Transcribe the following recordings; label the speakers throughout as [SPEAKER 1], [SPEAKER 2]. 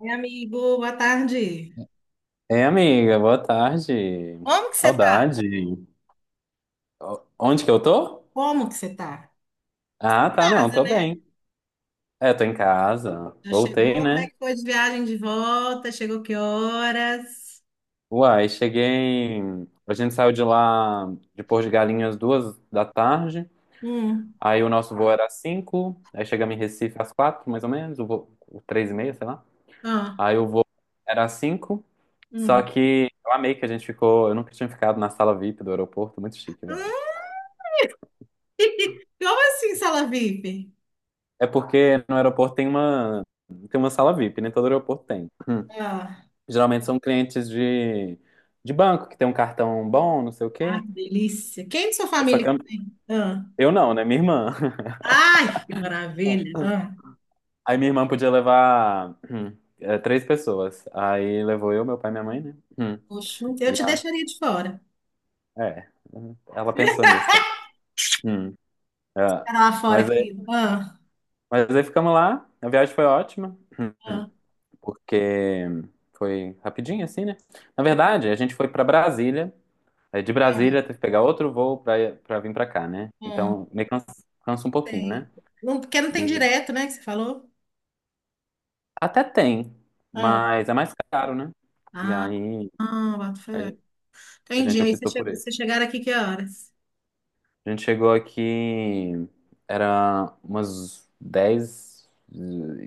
[SPEAKER 1] Oi, amigo, boa tarde.
[SPEAKER 2] Ei, amiga, boa tarde.
[SPEAKER 1] Como que você tá?
[SPEAKER 2] Saudade. Onde que eu tô?
[SPEAKER 1] Como que você tá? Tá em
[SPEAKER 2] Ah, tá, não,
[SPEAKER 1] casa,
[SPEAKER 2] tô
[SPEAKER 1] né?
[SPEAKER 2] bem. É, tô em casa.
[SPEAKER 1] Já
[SPEAKER 2] Voltei,
[SPEAKER 1] chegou? Como é
[SPEAKER 2] né?
[SPEAKER 1] que foi de viagem de volta? Chegou que horas?
[SPEAKER 2] Uai, cheguei. A gente saiu de lá de Porto de Galinhas 2 da tarde.
[SPEAKER 1] Hum,
[SPEAKER 2] Aí o nosso voo era às 5. Aí chegamos em Recife às 4, mais ou menos. O voo, o 3:30, sei lá.
[SPEAKER 1] ah,
[SPEAKER 2] Aí o voo era às 5. Só
[SPEAKER 1] hum.
[SPEAKER 2] que eu amei que a gente ficou. Eu nunca tinha ficado na sala VIP do aeroporto. Muito chique.
[SPEAKER 1] Hum, Como assim, sala VIP?
[SPEAKER 2] É porque no aeroporto tem uma sala VIP, nem todo aeroporto tem. Hum.
[SPEAKER 1] Ah,
[SPEAKER 2] Geralmente são clientes de banco, que tem um cartão bom, não sei o
[SPEAKER 1] ah,
[SPEAKER 2] quê.
[SPEAKER 1] que delícia. Quem de sua
[SPEAKER 2] Só
[SPEAKER 1] família
[SPEAKER 2] que
[SPEAKER 1] que
[SPEAKER 2] eu,
[SPEAKER 1] tem? Ah.
[SPEAKER 2] eu não, né? Minha irmã.
[SPEAKER 1] Ai, que maravilha. Ah,
[SPEAKER 2] Aí minha irmã podia levar 3 pessoas. Aí levou eu, meu pai e minha mãe, né? Hum.
[SPEAKER 1] poxa, eu
[SPEAKER 2] E
[SPEAKER 1] te
[SPEAKER 2] a,
[SPEAKER 1] deixaria de fora.
[SPEAKER 2] é, ela pensou nisso também. Hum. É.
[SPEAKER 1] Fica lá fora,
[SPEAKER 2] Mas aí,
[SPEAKER 1] querido. Ah,
[SPEAKER 2] mas aí ficamos lá, a viagem foi ótima,
[SPEAKER 1] ah,
[SPEAKER 2] porque foi rapidinho assim, né? Na verdade, a gente foi pra Brasília. Aí de
[SPEAKER 1] é,
[SPEAKER 2] Brasília teve que pegar outro voo pra, pra vir pra cá, né?
[SPEAKER 1] ah,
[SPEAKER 2] Então meio que cansa, cansa um pouquinho,
[SPEAKER 1] sei.
[SPEAKER 2] né?
[SPEAKER 1] Não, porque não tem
[SPEAKER 2] E
[SPEAKER 1] direto, né, que você falou?
[SPEAKER 2] até tem,
[SPEAKER 1] Ah,
[SPEAKER 2] mas é mais caro, né? E
[SPEAKER 1] ah,
[SPEAKER 2] aí
[SPEAKER 1] ah, boto
[SPEAKER 2] a
[SPEAKER 1] fé.
[SPEAKER 2] gen- a
[SPEAKER 1] Entendi.
[SPEAKER 2] gente
[SPEAKER 1] Aí você
[SPEAKER 2] optou por
[SPEAKER 1] chegou,
[SPEAKER 2] esse.
[SPEAKER 1] vocês chegaram aqui que horas?
[SPEAKER 2] A gente chegou aqui, era umas dez e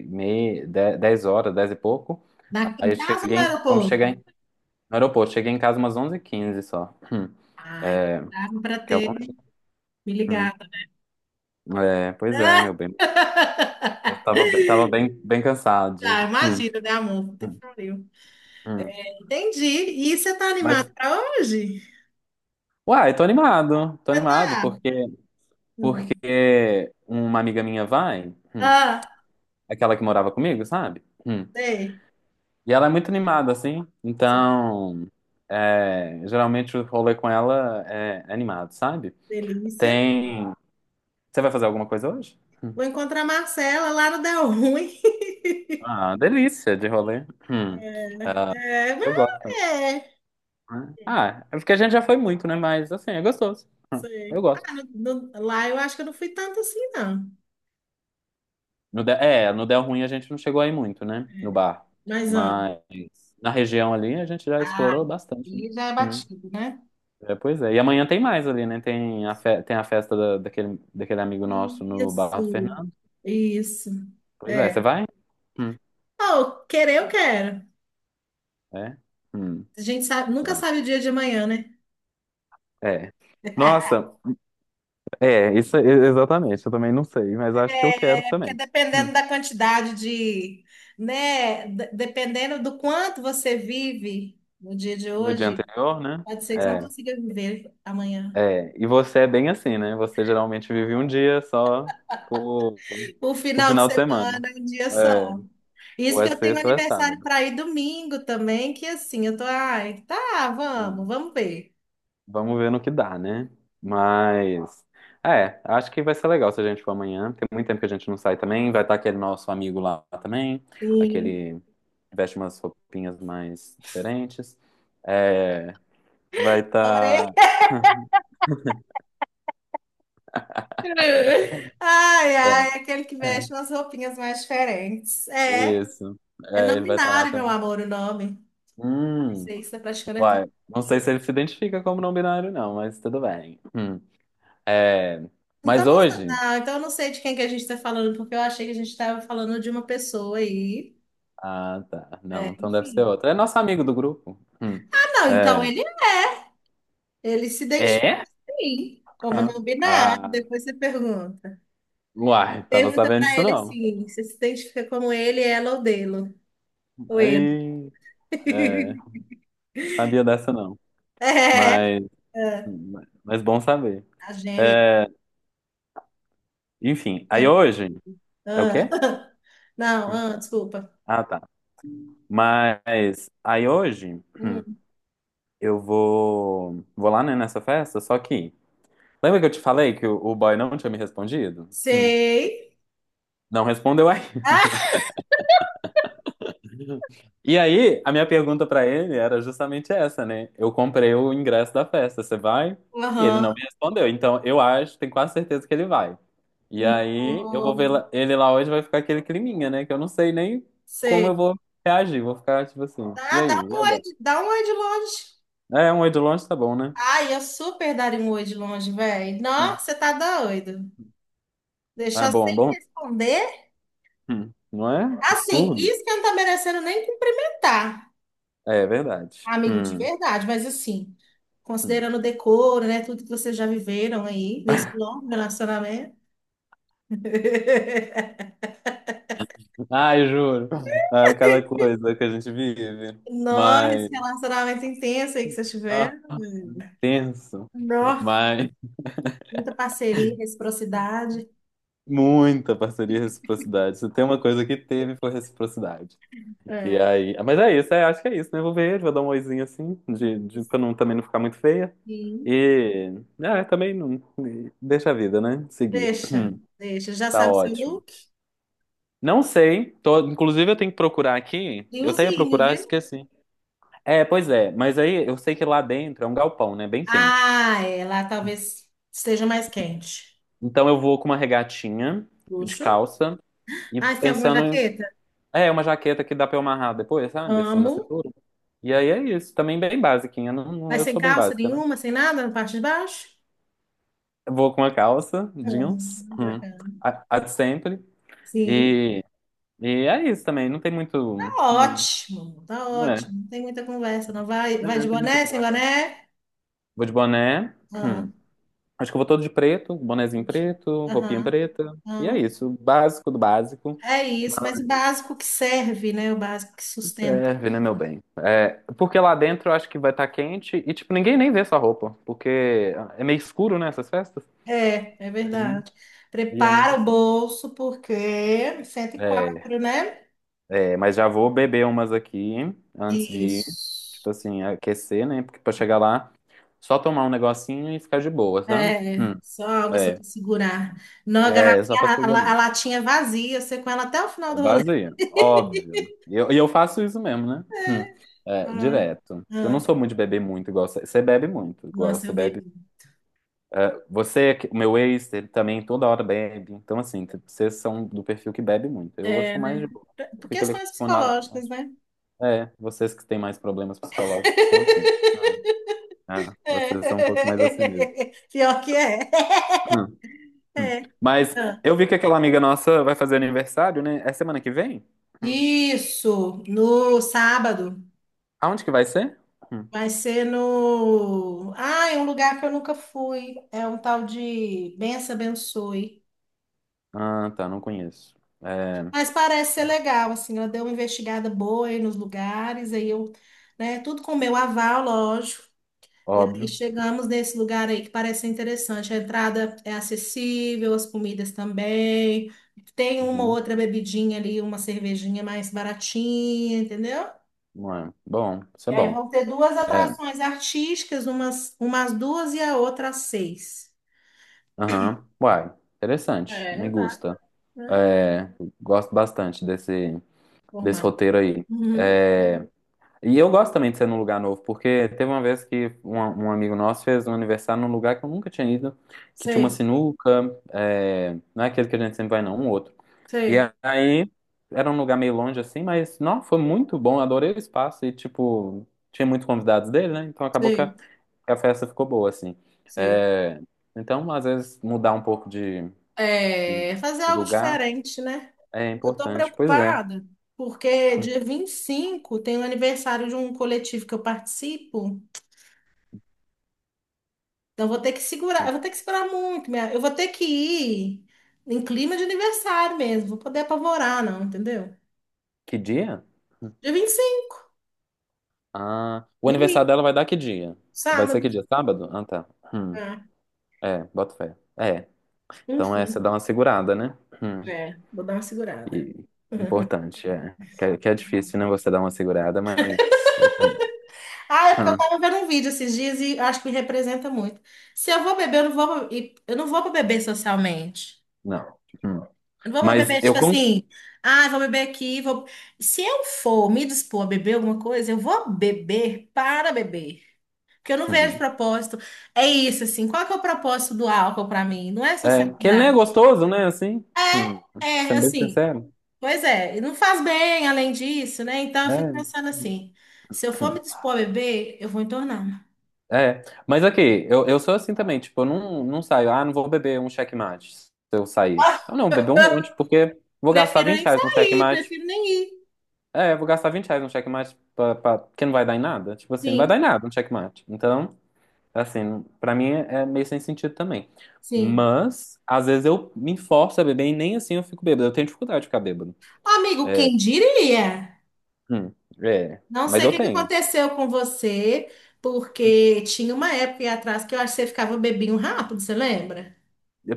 [SPEAKER 2] meia, 10 horas, 10 e pouco.
[SPEAKER 1] Na, em
[SPEAKER 2] Aí eu
[SPEAKER 1] casa ou
[SPEAKER 2] cheguei,
[SPEAKER 1] no aeroporto?
[SPEAKER 2] no aeroporto, cheguei em casa umas onze h 15 só.
[SPEAKER 1] Ai, dava para
[SPEAKER 2] Que é
[SPEAKER 1] ter
[SPEAKER 2] longe.
[SPEAKER 1] me
[SPEAKER 2] Hum.
[SPEAKER 1] ligado.
[SPEAKER 2] É, pois é, meu bem. Eu tava, tava bem, bem cansado.
[SPEAKER 1] Tá, imagina, né, amor? Puta que
[SPEAKER 2] Hum,
[SPEAKER 1] pariu.
[SPEAKER 2] hum.
[SPEAKER 1] Entendi. E você tá animado
[SPEAKER 2] Mas,
[SPEAKER 1] para hoje?
[SPEAKER 2] uai, tô
[SPEAKER 1] Você
[SPEAKER 2] animado,
[SPEAKER 1] tá?
[SPEAKER 2] porque,
[SPEAKER 1] Hum.
[SPEAKER 2] porque uma amiga minha vai,
[SPEAKER 1] Ah,
[SPEAKER 2] aquela que morava comigo, sabe?
[SPEAKER 1] sei.
[SPEAKER 2] E ela é muito animada, assim,
[SPEAKER 1] Sei.
[SPEAKER 2] então, é, geralmente o rolê com ela é animado, sabe?
[SPEAKER 1] Delícia.
[SPEAKER 2] Tem... Você vai fazer alguma coisa hoje? Hum.
[SPEAKER 1] Vou encontrar a Marcela lá no Del Ruim.
[SPEAKER 2] Ah, delícia de rolê. Hum. Ah,
[SPEAKER 1] É, mas
[SPEAKER 2] eu gosto também,
[SPEAKER 1] é.
[SPEAKER 2] né? Ah, é porque a gente já foi muito, né? Mas, assim, é gostoso. Hum,
[SPEAKER 1] Sei.
[SPEAKER 2] Eu
[SPEAKER 1] Ah,
[SPEAKER 2] gosto.
[SPEAKER 1] no- no- lá eu acho que eu não fui tanto assim, não.
[SPEAKER 2] No Del, é, no Del Ruim a gente não chegou aí muito, né? No bar.
[SPEAKER 1] Mas, ah,
[SPEAKER 2] Mas na região ali a gente já
[SPEAKER 1] ah,
[SPEAKER 2] explorou bastante, né?
[SPEAKER 1] e já é
[SPEAKER 2] Hum.
[SPEAKER 1] batido, né?
[SPEAKER 2] É, pois é. E amanhã tem mais ali, né? Tem a, tem a festa daquele, daquele amigo nosso no Bar do
[SPEAKER 1] Isso,
[SPEAKER 2] Fernando.
[SPEAKER 1] isso.
[SPEAKER 2] Pois é,
[SPEAKER 1] É.
[SPEAKER 2] você vai? Hum.
[SPEAKER 1] Oh, querer eu quero.
[SPEAKER 2] É? Hum.
[SPEAKER 1] A gente sabe, nunca
[SPEAKER 2] Ah,
[SPEAKER 1] sabe o dia de amanhã, né?
[SPEAKER 2] é. Nossa, é, isso é- exatamente. Eu também não sei, mas acho que eu quero
[SPEAKER 1] É porque
[SPEAKER 2] também. Hum.
[SPEAKER 1] dependendo da quantidade de, né, de- dependendo do quanto você vive no dia de
[SPEAKER 2] No dia
[SPEAKER 1] hoje,
[SPEAKER 2] anterior, né?
[SPEAKER 1] pode ser que você não
[SPEAKER 2] É.
[SPEAKER 1] consiga viver amanhã.
[SPEAKER 2] É, e você é bem assim, né? Você geralmente vive um dia só por,
[SPEAKER 1] O
[SPEAKER 2] por
[SPEAKER 1] final de
[SPEAKER 2] final de semana.
[SPEAKER 1] semana, é um dia só.
[SPEAKER 2] É,
[SPEAKER 1] Isso
[SPEAKER 2] ou
[SPEAKER 1] que
[SPEAKER 2] é
[SPEAKER 1] eu tenho
[SPEAKER 2] sexta ou é
[SPEAKER 1] aniversário
[SPEAKER 2] sábado.
[SPEAKER 1] para ir domingo também, que assim, eu tô, ai, tá, vamos,
[SPEAKER 2] Hum,
[SPEAKER 1] vamos ver.
[SPEAKER 2] Vamos ver no que dá, né? Mas, é, acho que vai ser legal se a gente for amanhã. Tem muito tempo que a gente não sai também. Vai estar aquele nosso amigo lá também,
[SPEAKER 1] Sim,
[SPEAKER 2] aquele que veste umas roupinhas mais diferentes. É, vai
[SPEAKER 1] adorei.
[SPEAKER 2] estar.
[SPEAKER 1] Ai, ai,
[SPEAKER 2] É,
[SPEAKER 1] aquele que veste umas roupinhas mais diferentes. É,
[SPEAKER 2] isso.
[SPEAKER 1] é
[SPEAKER 2] É,
[SPEAKER 1] não
[SPEAKER 2] ele vai estar lá
[SPEAKER 1] binário, meu
[SPEAKER 2] também.
[SPEAKER 1] amor, o nome. Ai,
[SPEAKER 2] Hum.
[SPEAKER 1] sei, isso é praticando
[SPEAKER 2] Vai.
[SPEAKER 1] heterossexual.
[SPEAKER 2] Não sei se ele se identifica como não binário, não, mas tudo bem. Hum. É,
[SPEAKER 1] Então,
[SPEAKER 2] mas
[SPEAKER 1] não, sa-
[SPEAKER 2] hoje.
[SPEAKER 1] não, então eu não sei de quem que a gente está falando, porque eu achei que a gente estava falando de uma pessoa aí.
[SPEAKER 2] Ah, tá. Não,
[SPEAKER 1] É,
[SPEAKER 2] então deve ser
[SPEAKER 1] enfim.
[SPEAKER 2] outro. É nosso amigo do grupo. Hum.
[SPEAKER 1] Ah, não, então
[SPEAKER 2] É.
[SPEAKER 1] ele se identifica
[SPEAKER 2] É?
[SPEAKER 1] sim, como
[SPEAKER 2] Ah,
[SPEAKER 1] não binário.
[SPEAKER 2] ah.
[SPEAKER 1] Depois você pergunta.
[SPEAKER 2] Uai, tava
[SPEAKER 1] Pergunta
[SPEAKER 2] sabendo
[SPEAKER 1] pra
[SPEAKER 2] disso
[SPEAKER 1] ele
[SPEAKER 2] não.
[SPEAKER 1] assim: você se identifica como ele, ela ou dele? Ou ele?
[SPEAKER 2] Aí. É, sabia dessa não.
[SPEAKER 1] É,
[SPEAKER 2] Mas.
[SPEAKER 1] é,
[SPEAKER 2] Mas bom saber.
[SPEAKER 1] a Jenny.
[SPEAKER 2] É, enfim, aí
[SPEAKER 1] Jenny.
[SPEAKER 2] hoje. É o
[SPEAKER 1] Ah.
[SPEAKER 2] quê?
[SPEAKER 1] Não,
[SPEAKER 2] Hum.
[SPEAKER 1] ah, desculpa.
[SPEAKER 2] Ah, tá. Mas. Aí hoje. Hum,
[SPEAKER 1] Hum,
[SPEAKER 2] eu vou. Vou lá, né, nessa festa, só que. Lembra que eu te falei que o boy não tinha me respondido? Hum.
[SPEAKER 1] Sei.
[SPEAKER 2] Não respondeu aí.
[SPEAKER 1] Ah,
[SPEAKER 2] E aí, a minha pergunta pra ele era justamente essa, né? Eu comprei o ingresso da festa, você vai? E ele não
[SPEAKER 1] aham.
[SPEAKER 2] me respondeu. Então, eu acho, tenho quase certeza que ele vai. E aí, eu vou
[SPEAKER 1] Não,
[SPEAKER 2] ver ele lá hoje, vai ficar aquele climinha, né? Que eu não sei nem como eu
[SPEAKER 1] sei.
[SPEAKER 2] vou reagir. Vou ficar tipo assim. E
[SPEAKER 1] Ah, dá
[SPEAKER 2] aí?
[SPEAKER 1] um
[SPEAKER 2] E
[SPEAKER 1] oi,
[SPEAKER 2] agora?
[SPEAKER 1] de- dá um oi de longe.
[SPEAKER 2] É, um oi de longe tá bom, né?
[SPEAKER 1] Ai, eu super daria um oi de longe, velho. Nossa,
[SPEAKER 2] Hum.
[SPEAKER 1] você tá doido.
[SPEAKER 2] Ah, é
[SPEAKER 1] Deixar
[SPEAKER 2] bom, é
[SPEAKER 1] sem
[SPEAKER 2] bom.
[SPEAKER 1] responder.
[SPEAKER 2] Hum. Não é?
[SPEAKER 1] Assim,
[SPEAKER 2] Absurdo.
[SPEAKER 1] isso que eu não tá merecendo nem cumprimentar,
[SPEAKER 2] É, é verdade.
[SPEAKER 1] amigo de
[SPEAKER 2] Hum,
[SPEAKER 1] verdade, mas assim,
[SPEAKER 2] hum.
[SPEAKER 1] considerando o decoro, né, tudo que vocês já viveram aí nesse longo relacionamento.
[SPEAKER 2] Ai, juro. Ah, cada coisa que a gente vive.
[SPEAKER 1] Nossa, esse
[SPEAKER 2] Mas,
[SPEAKER 1] relacionamento intenso aí que vocês
[SPEAKER 2] ah,
[SPEAKER 1] tiveram.
[SPEAKER 2] tenso.
[SPEAKER 1] Nossa,
[SPEAKER 2] Mas,
[SPEAKER 1] muita parceria, reciprocidade.
[SPEAKER 2] muita parceria e reciprocidade. Se tem uma coisa que teve, foi reciprocidade. E
[SPEAKER 1] É.
[SPEAKER 2] aí. Ah, mas é isso, é, acho que é isso, né? Vou ver ele, vou dar um oizinho assim, de, pra não, também não ficar muito feia.
[SPEAKER 1] Sim.
[SPEAKER 2] E. Ah, também não. E deixa a vida, né? Seguir.
[SPEAKER 1] Deixa, deixa. Já
[SPEAKER 2] Tá
[SPEAKER 1] sabe seu
[SPEAKER 2] ótimo.
[SPEAKER 1] look?
[SPEAKER 2] Não sei, tô, inclusive eu tenho que procurar aqui. Eu até ia
[SPEAKER 1] Friozinho,
[SPEAKER 2] procurar,
[SPEAKER 1] viu?
[SPEAKER 2] esqueci. É, pois é, mas aí eu sei que lá dentro é um galpão, né? Bem quente.
[SPEAKER 1] Ah, é, lá talvez esteja mais quente.
[SPEAKER 2] Então eu vou com uma regatinha de
[SPEAKER 1] Luxo.
[SPEAKER 2] calça e
[SPEAKER 1] Ah, você tem alguma
[SPEAKER 2] pensando em.
[SPEAKER 1] jaqueta?
[SPEAKER 2] É, uma jaqueta que dá pra eu amarrar depois, sabe? Assim, na
[SPEAKER 1] Amo.
[SPEAKER 2] cintura. E aí é isso. Também bem basiquinha. Não,
[SPEAKER 1] Mas
[SPEAKER 2] eu
[SPEAKER 1] sem
[SPEAKER 2] sou bem
[SPEAKER 1] calça
[SPEAKER 2] básica, né?
[SPEAKER 1] nenhuma, sem nada na parte de baixo?
[SPEAKER 2] Eu vou com uma calça, jeans,
[SPEAKER 1] Bacana.
[SPEAKER 2] a de sempre.
[SPEAKER 1] Sim,
[SPEAKER 2] E, e é isso também. Não tem muito.
[SPEAKER 1] tá
[SPEAKER 2] Hum,
[SPEAKER 1] ótimo, tá
[SPEAKER 2] não é.
[SPEAKER 1] ótimo. Não tem muita conversa, não vai,
[SPEAKER 2] É,
[SPEAKER 1] vai de
[SPEAKER 2] não tem muita
[SPEAKER 1] boné, sem
[SPEAKER 2] conversa.
[SPEAKER 1] boné?
[SPEAKER 2] Vou de boné. Hum.
[SPEAKER 1] Ah,
[SPEAKER 2] Acho que eu vou todo de preto, bonezinho
[SPEAKER 1] puxa.
[SPEAKER 2] preto, roupinha
[SPEAKER 1] Aham.
[SPEAKER 2] preta. E é
[SPEAKER 1] Não,
[SPEAKER 2] isso. Básico do básico.
[SPEAKER 1] é isso, mas o básico que serve, né? O básico que sustenta.
[SPEAKER 2] Serve, né, meu bem? É, porque lá dentro eu acho que vai estar quente e, tipo, ninguém nem vê sua roupa, porque é meio escuro, né, essas festas.
[SPEAKER 1] É, é
[SPEAKER 2] E aí-
[SPEAKER 1] verdade.
[SPEAKER 2] e ainda
[SPEAKER 1] Prepara o
[SPEAKER 2] assim.
[SPEAKER 1] bolso, porque cento e
[SPEAKER 2] É,
[SPEAKER 1] quatro, né?
[SPEAKER 2] é, mas já vou beber umas aqui antes de ir,
[SPEAKER 1] Isso.
[SPEAKER 2] tipo assim, aquecer, né? Porque pra chegar lá, só tomar um negocinho e ficar de boa, sabe?
[SPEAKER 1] É, só algo assim
[SPEAKER 2] É,
[SPEAKER 1] para segurar. Não, a
[SPEAKER 2] é, só
[SPEAKER 1] garrafinha,
[SPEAKER 2] pra
[SPEAKER 1] a,
[SPEAKER 2] segurar.
[SPEAKER 1] la- a latinha vazia, você com ela até o final do rolê.
[SPEAKER 2] Vazia, óbvio. E eu faço isso mesmo, né? É,
[SPEAKER 1] Ai,
[SPEAKER 2] direto.
[SPEAKER 1] ah,
[SPEAKER 2] Que eu não
[SPEAKER 1] ah,
[SPEAKER 2] sou muito de beber muito igual você. Você bebe muito, igual
[SPEAKER 1] nossa, eu
[SPEAKER 2] você bebe.
[SPEAKER 1] bebo.
[SPEAKER 2] É, você, o meu ex, ele também toda hora bebe. Então, assim, vocês são do perfil que bebe muito. Eu
[SPEAKER 1] É,
[SPEAKER 2] sou mais de
[SPEAKER 1] né?
[SPEAKER 2] boa.
[SPEAKER 1] Pra-
[SPEAKER 2] Eu
[SPEAKER 1] Por
[SPEAKER 2] fico ali
[SPEAKER 1] questões
[SPEAKER 2] com nada.
[SPEAKER 1] psicológicas, né?
[SPEAKER 2] É, vocês que têm mais problemas psicológicos são assim. Ah,
[SPEAKER 1] É.
[SPEAKER 2] vocês são um pouco mais assim mesmo.
[SPEAKER 1] Pior que é.
[SPEAKER 2] Hum, hum.
[SPEAKER 1] É.
[SPEAKER 2] Mas
[SPEAKER 1] Ah,
[SPEAKER 2] eu vi que aquela amiga nossa vai fazer aniversário, né? É semana que vem? Hum.
[SPEAKER 1] isso, no sábado.
[SPEAKER 2] Aonde que vai ser? Hum.
[SPEAKER 1] Vai ser no. Ah, é um lugar que eu nunca fui. É um tal de Bença Abençoe.
[SPEAKER 2] Ah, tá, não conheço. É,
[SPEAKER 1] Mas parece ser legal, assim. Ela deu uma investigada boa aí nos lugares, aí eu, né? Tudo com o meu aval, lógico. E aí
[SPEAKER 2] óbvio.
[SPEAKER 1] chegamos nesse lugar aí que parece ser interessante. A entrada é acessível, as comidas também. Tem uma
[SPEAKER 2] Uhum.
[SPEAKER 1] outra bebidinha ali, uma cervejinha mais baratinha, entendeu?
[SPEAKER 2] Ué, bom, isso
[SPEAKER 1] E
[SPEAKER 2] é
[SPEAKER 1] aí
[SPEAKER 2] bom.
[SPEAKER 1] vão ter duas
[SPEAKER 2] É,
[SPEAKER 1] atrações artísticas, umas, umas duas e a outra às seis.
[SPEAKER 2] aham. Uai, interessante.
[SPEAKER 1] É,
[SPEAKER 2] Me
[SPEAKER 1] vai,
[SPEAKER 2] gusta.
[SPEAKER 1] né?
[SPEAKER 2] É, gosto bastante desse, desse
[SPEAKER 1] Normal.
[SPEAKER 2] roteiro aí.
[SPEAKER 1] Uhum.
[SPEAKER 2] É, e eu gosto também de ser num lugar novo, porque teve uma vez que um amigo nosso fez um aniversário num lugar que eu nunca tinha ido, que tinha uma
[SPEAKER 1] Sei,
[SPEAKER 2] sinuca, é, não é aquele que a gente sempre vai, não, um outro. E
[SPEAKER 1] sei,
[SPEAKER 2] aí era um lugar meio longe assim, mas não, foi muito bom, adorei o espaço e, tipo, tinha muitos convidados dele, né? Então acabou
[SPEAKER 1] sei,
[SPEAKER 2] que a festa ficou boa, assim.
[SPEAKER 1] sei.
[SPEAKER 2] É, então, às vezes, mudar um pouco de
[SPEAKER 1] É, fazer
[SPEAKER 2] de
[SPEAKER 1] algo
[SPEAKER 2] lugar
[SPEAKER 1] diferente, né?
[SPEAKER 2] é
[SPEAKER 1] Eu tô
[SPEAKER 2] importante. Pois é.
[SPEAKER 1] preocupada porque dia 25 tem o aniversário de um coletivo que eu participo. Então eu vou ter que segurar,
[SPEAKER 2] Jun-
[SPEAKER 1] eu vou ter que segurar muito, minha- eu vou ter que ir em clima de aniversário mesmo, vou poder apavorar não, entendeu?
[SPEAKER 2] Que dia?
[SPEAKER 1] Dia 25,
[SPEAKER 2] Ah, o aniversário
[SPEAKER 1] domingo,
[SPEAKER 2] dela vai dar que dia? Vai ser
[SPEAKER 1] sábado,
[SPEAKER 2] que dia? Sábado? Ah, tá. Hum,
[SPEAKER 1] ah,
[SPEAKER 2] é, bota fé. É, então é, você
[SPEAKER 1] enfim,
[SPEAKER 2] dá uma segurada, né? Hum,
[SPEAKER 1] é, vou dar uma segurada.
[SPEAKER 2] e- importante, é. Que, é, que é difícil, né, você dar uma segurada, mas... Eu tenho...
[SPEAKER 1] Ah, é porque eu
[SPEAKER 2] Hum,
[SPEAKER 1] tava vendo um vídeo esses dias e acho que me representa muito. Se eu vou beber, eu não vou para beber socialmente.
[SPEAKER 2] não. Hum.
[SPEAKER 1] Eu não vou
[SPEAKER 2] Mas
[SPEAKER 1] beber,
[SPEAKER 2] eu...
[SPEAKER 1] tipo assim, ah, vou beber aqui, vou... Se eu for me dispor a beber alguma coisa, eu vou beber para beber. Porque eu não vejo
[SPEAKER 2] Uhum.
[SPEAKER 1] propósito. É isso, assim, qual que é o propósito do álcool para mim? Não é
[SPEAKER 2] É, que ele nem é
[SPEAKER 1] socializar.
[SPEAKER 2] gostoso, né, assim? Hum,
[SPEAKER 1] É, é,
[SPEAKER 2] sendo bem
[SPEAKER 1] assim,
[SPEAKER 2] sincero.
[SPEAKER 1] pois é, e não faz bem além disso, né? Então eu fico pensando assim, se eu
[SPEAKER 2] É.
[SPEAKER 1] for me dispor a beber, eu vou entornar.
[SPEAKER 2] É, mas aqui, eu sou assim também, tipo, eu não, não saio, ah, não vou beber um checkmate se eu sair.
[SPEAKER 1] Ah,
[SPEAKER 2] Eu não, beber um monte, porque vou gastar
[SPEAKER 1] prefiro
[SPEAKER 2] 20
[SPEAKER 1] nem
[SPEAKER 2] reais num
[SPEAKER 1] sair,
[SPEAKER 2] checkmate.
[SPEAKER 1] prefiro nem ir.
[SPEAKER 2] É, vou gastar R$ 20 num checkmate pra, que não vai dar em nada. Tipo assim, não vai dar em
[SPEAKER 1] Sim,
[SPEAKER 2] nada um checkmate. Então, assim, pra mim é meio sem sentido também.
[SPEAKER 1] sim.
[SPEAKER 2] Mas, às vezes eu me forço a beber e nem assim eu fico bêbado. Eu tenho dificuldade de ficar bêbado.
[SPEAKER 1] Amigo,
[SPEAKER 2] É,
[SPEAKER 1] quem diria?
[SPEAKER 2] hum, é,
[SPEAKER 1] Não
[SPEAKER 2] mas
[SPEAKER 1] sei o
[SPEAKER 2] eu
[SPEAKER 1] que que
[SPEAKER 2] tenho.
[SPEAKER 1] aconteceu com você, porque tinha uma época aí atrás que eu acho que você ficava um bebinho rápido, você lembra?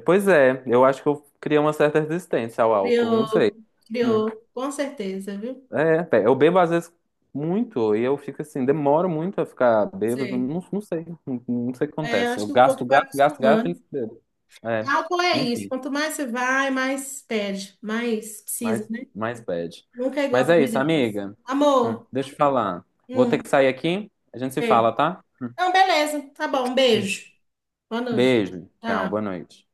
[SPEAKER 2] Pois é, eu acho que eu criei uma certa resistência ao álcool, não sei.
[SPEAKER 1] Criou,
[SPEAKER 2] Hum.
[SPEAKER 1] criou, com certeza, viu?
[SPEAKER 2] É, pé, eu bebo às vezes muito e eu fico assim, demoro muito a ficar bêbado,
[SPEAKER 1] Sei.
[SPEAKER 2] não, não sei, não, não sei o que
[SPEAKER 1] É, eu
[SPEAKER 2] acontece.
[SPEAKER 1] acho
[SPEAKER 2] Eu
[SPEAKER 1] que o corpo
[SPEAKER 2] gasto,
[SPEAKER 1] vai
[SPEAKER 2] gasto, gasto, gasto e
[SPEAKER 1] acostumando.
[SPEAKER 2] bebo. É,
[SPEAKER 1] Álcool é isso,
[SPEAKER 2] enfim,
[SPEAKER 1] quanto mais você vai, mais perde, mais precisa,
[SPEAKER 2] mais,
[SPEAKER 1] né?
[SPEAKER 2] mais bad.
[SPEAKER 1] Nunca é igual a
[SPEAKER 2] Mas é isso,
[SPEAKER 1] primeira vez.
[SPEAKER 2] amiga.
[SPEAKER 1] Amor,
[SPEAKER 2] Deixa eu te falar. Vou ter
[SPEAKER 1] hum,
[SPEAKER 2] que sair aqui, a gente se
[SPEAKER 1] sei.
[SPEAKER 2] fala, tá?
[SPEAKER 1] Então, beleza, tá bom, um
[SPEAKER 2] Hum.
[SPEAKER 1] beijo. Boa noite.
[SPEAKER 2] Beijo, tchau, boa
[SPEAKER 1] Tchau.
[SPEAKER 2] noite.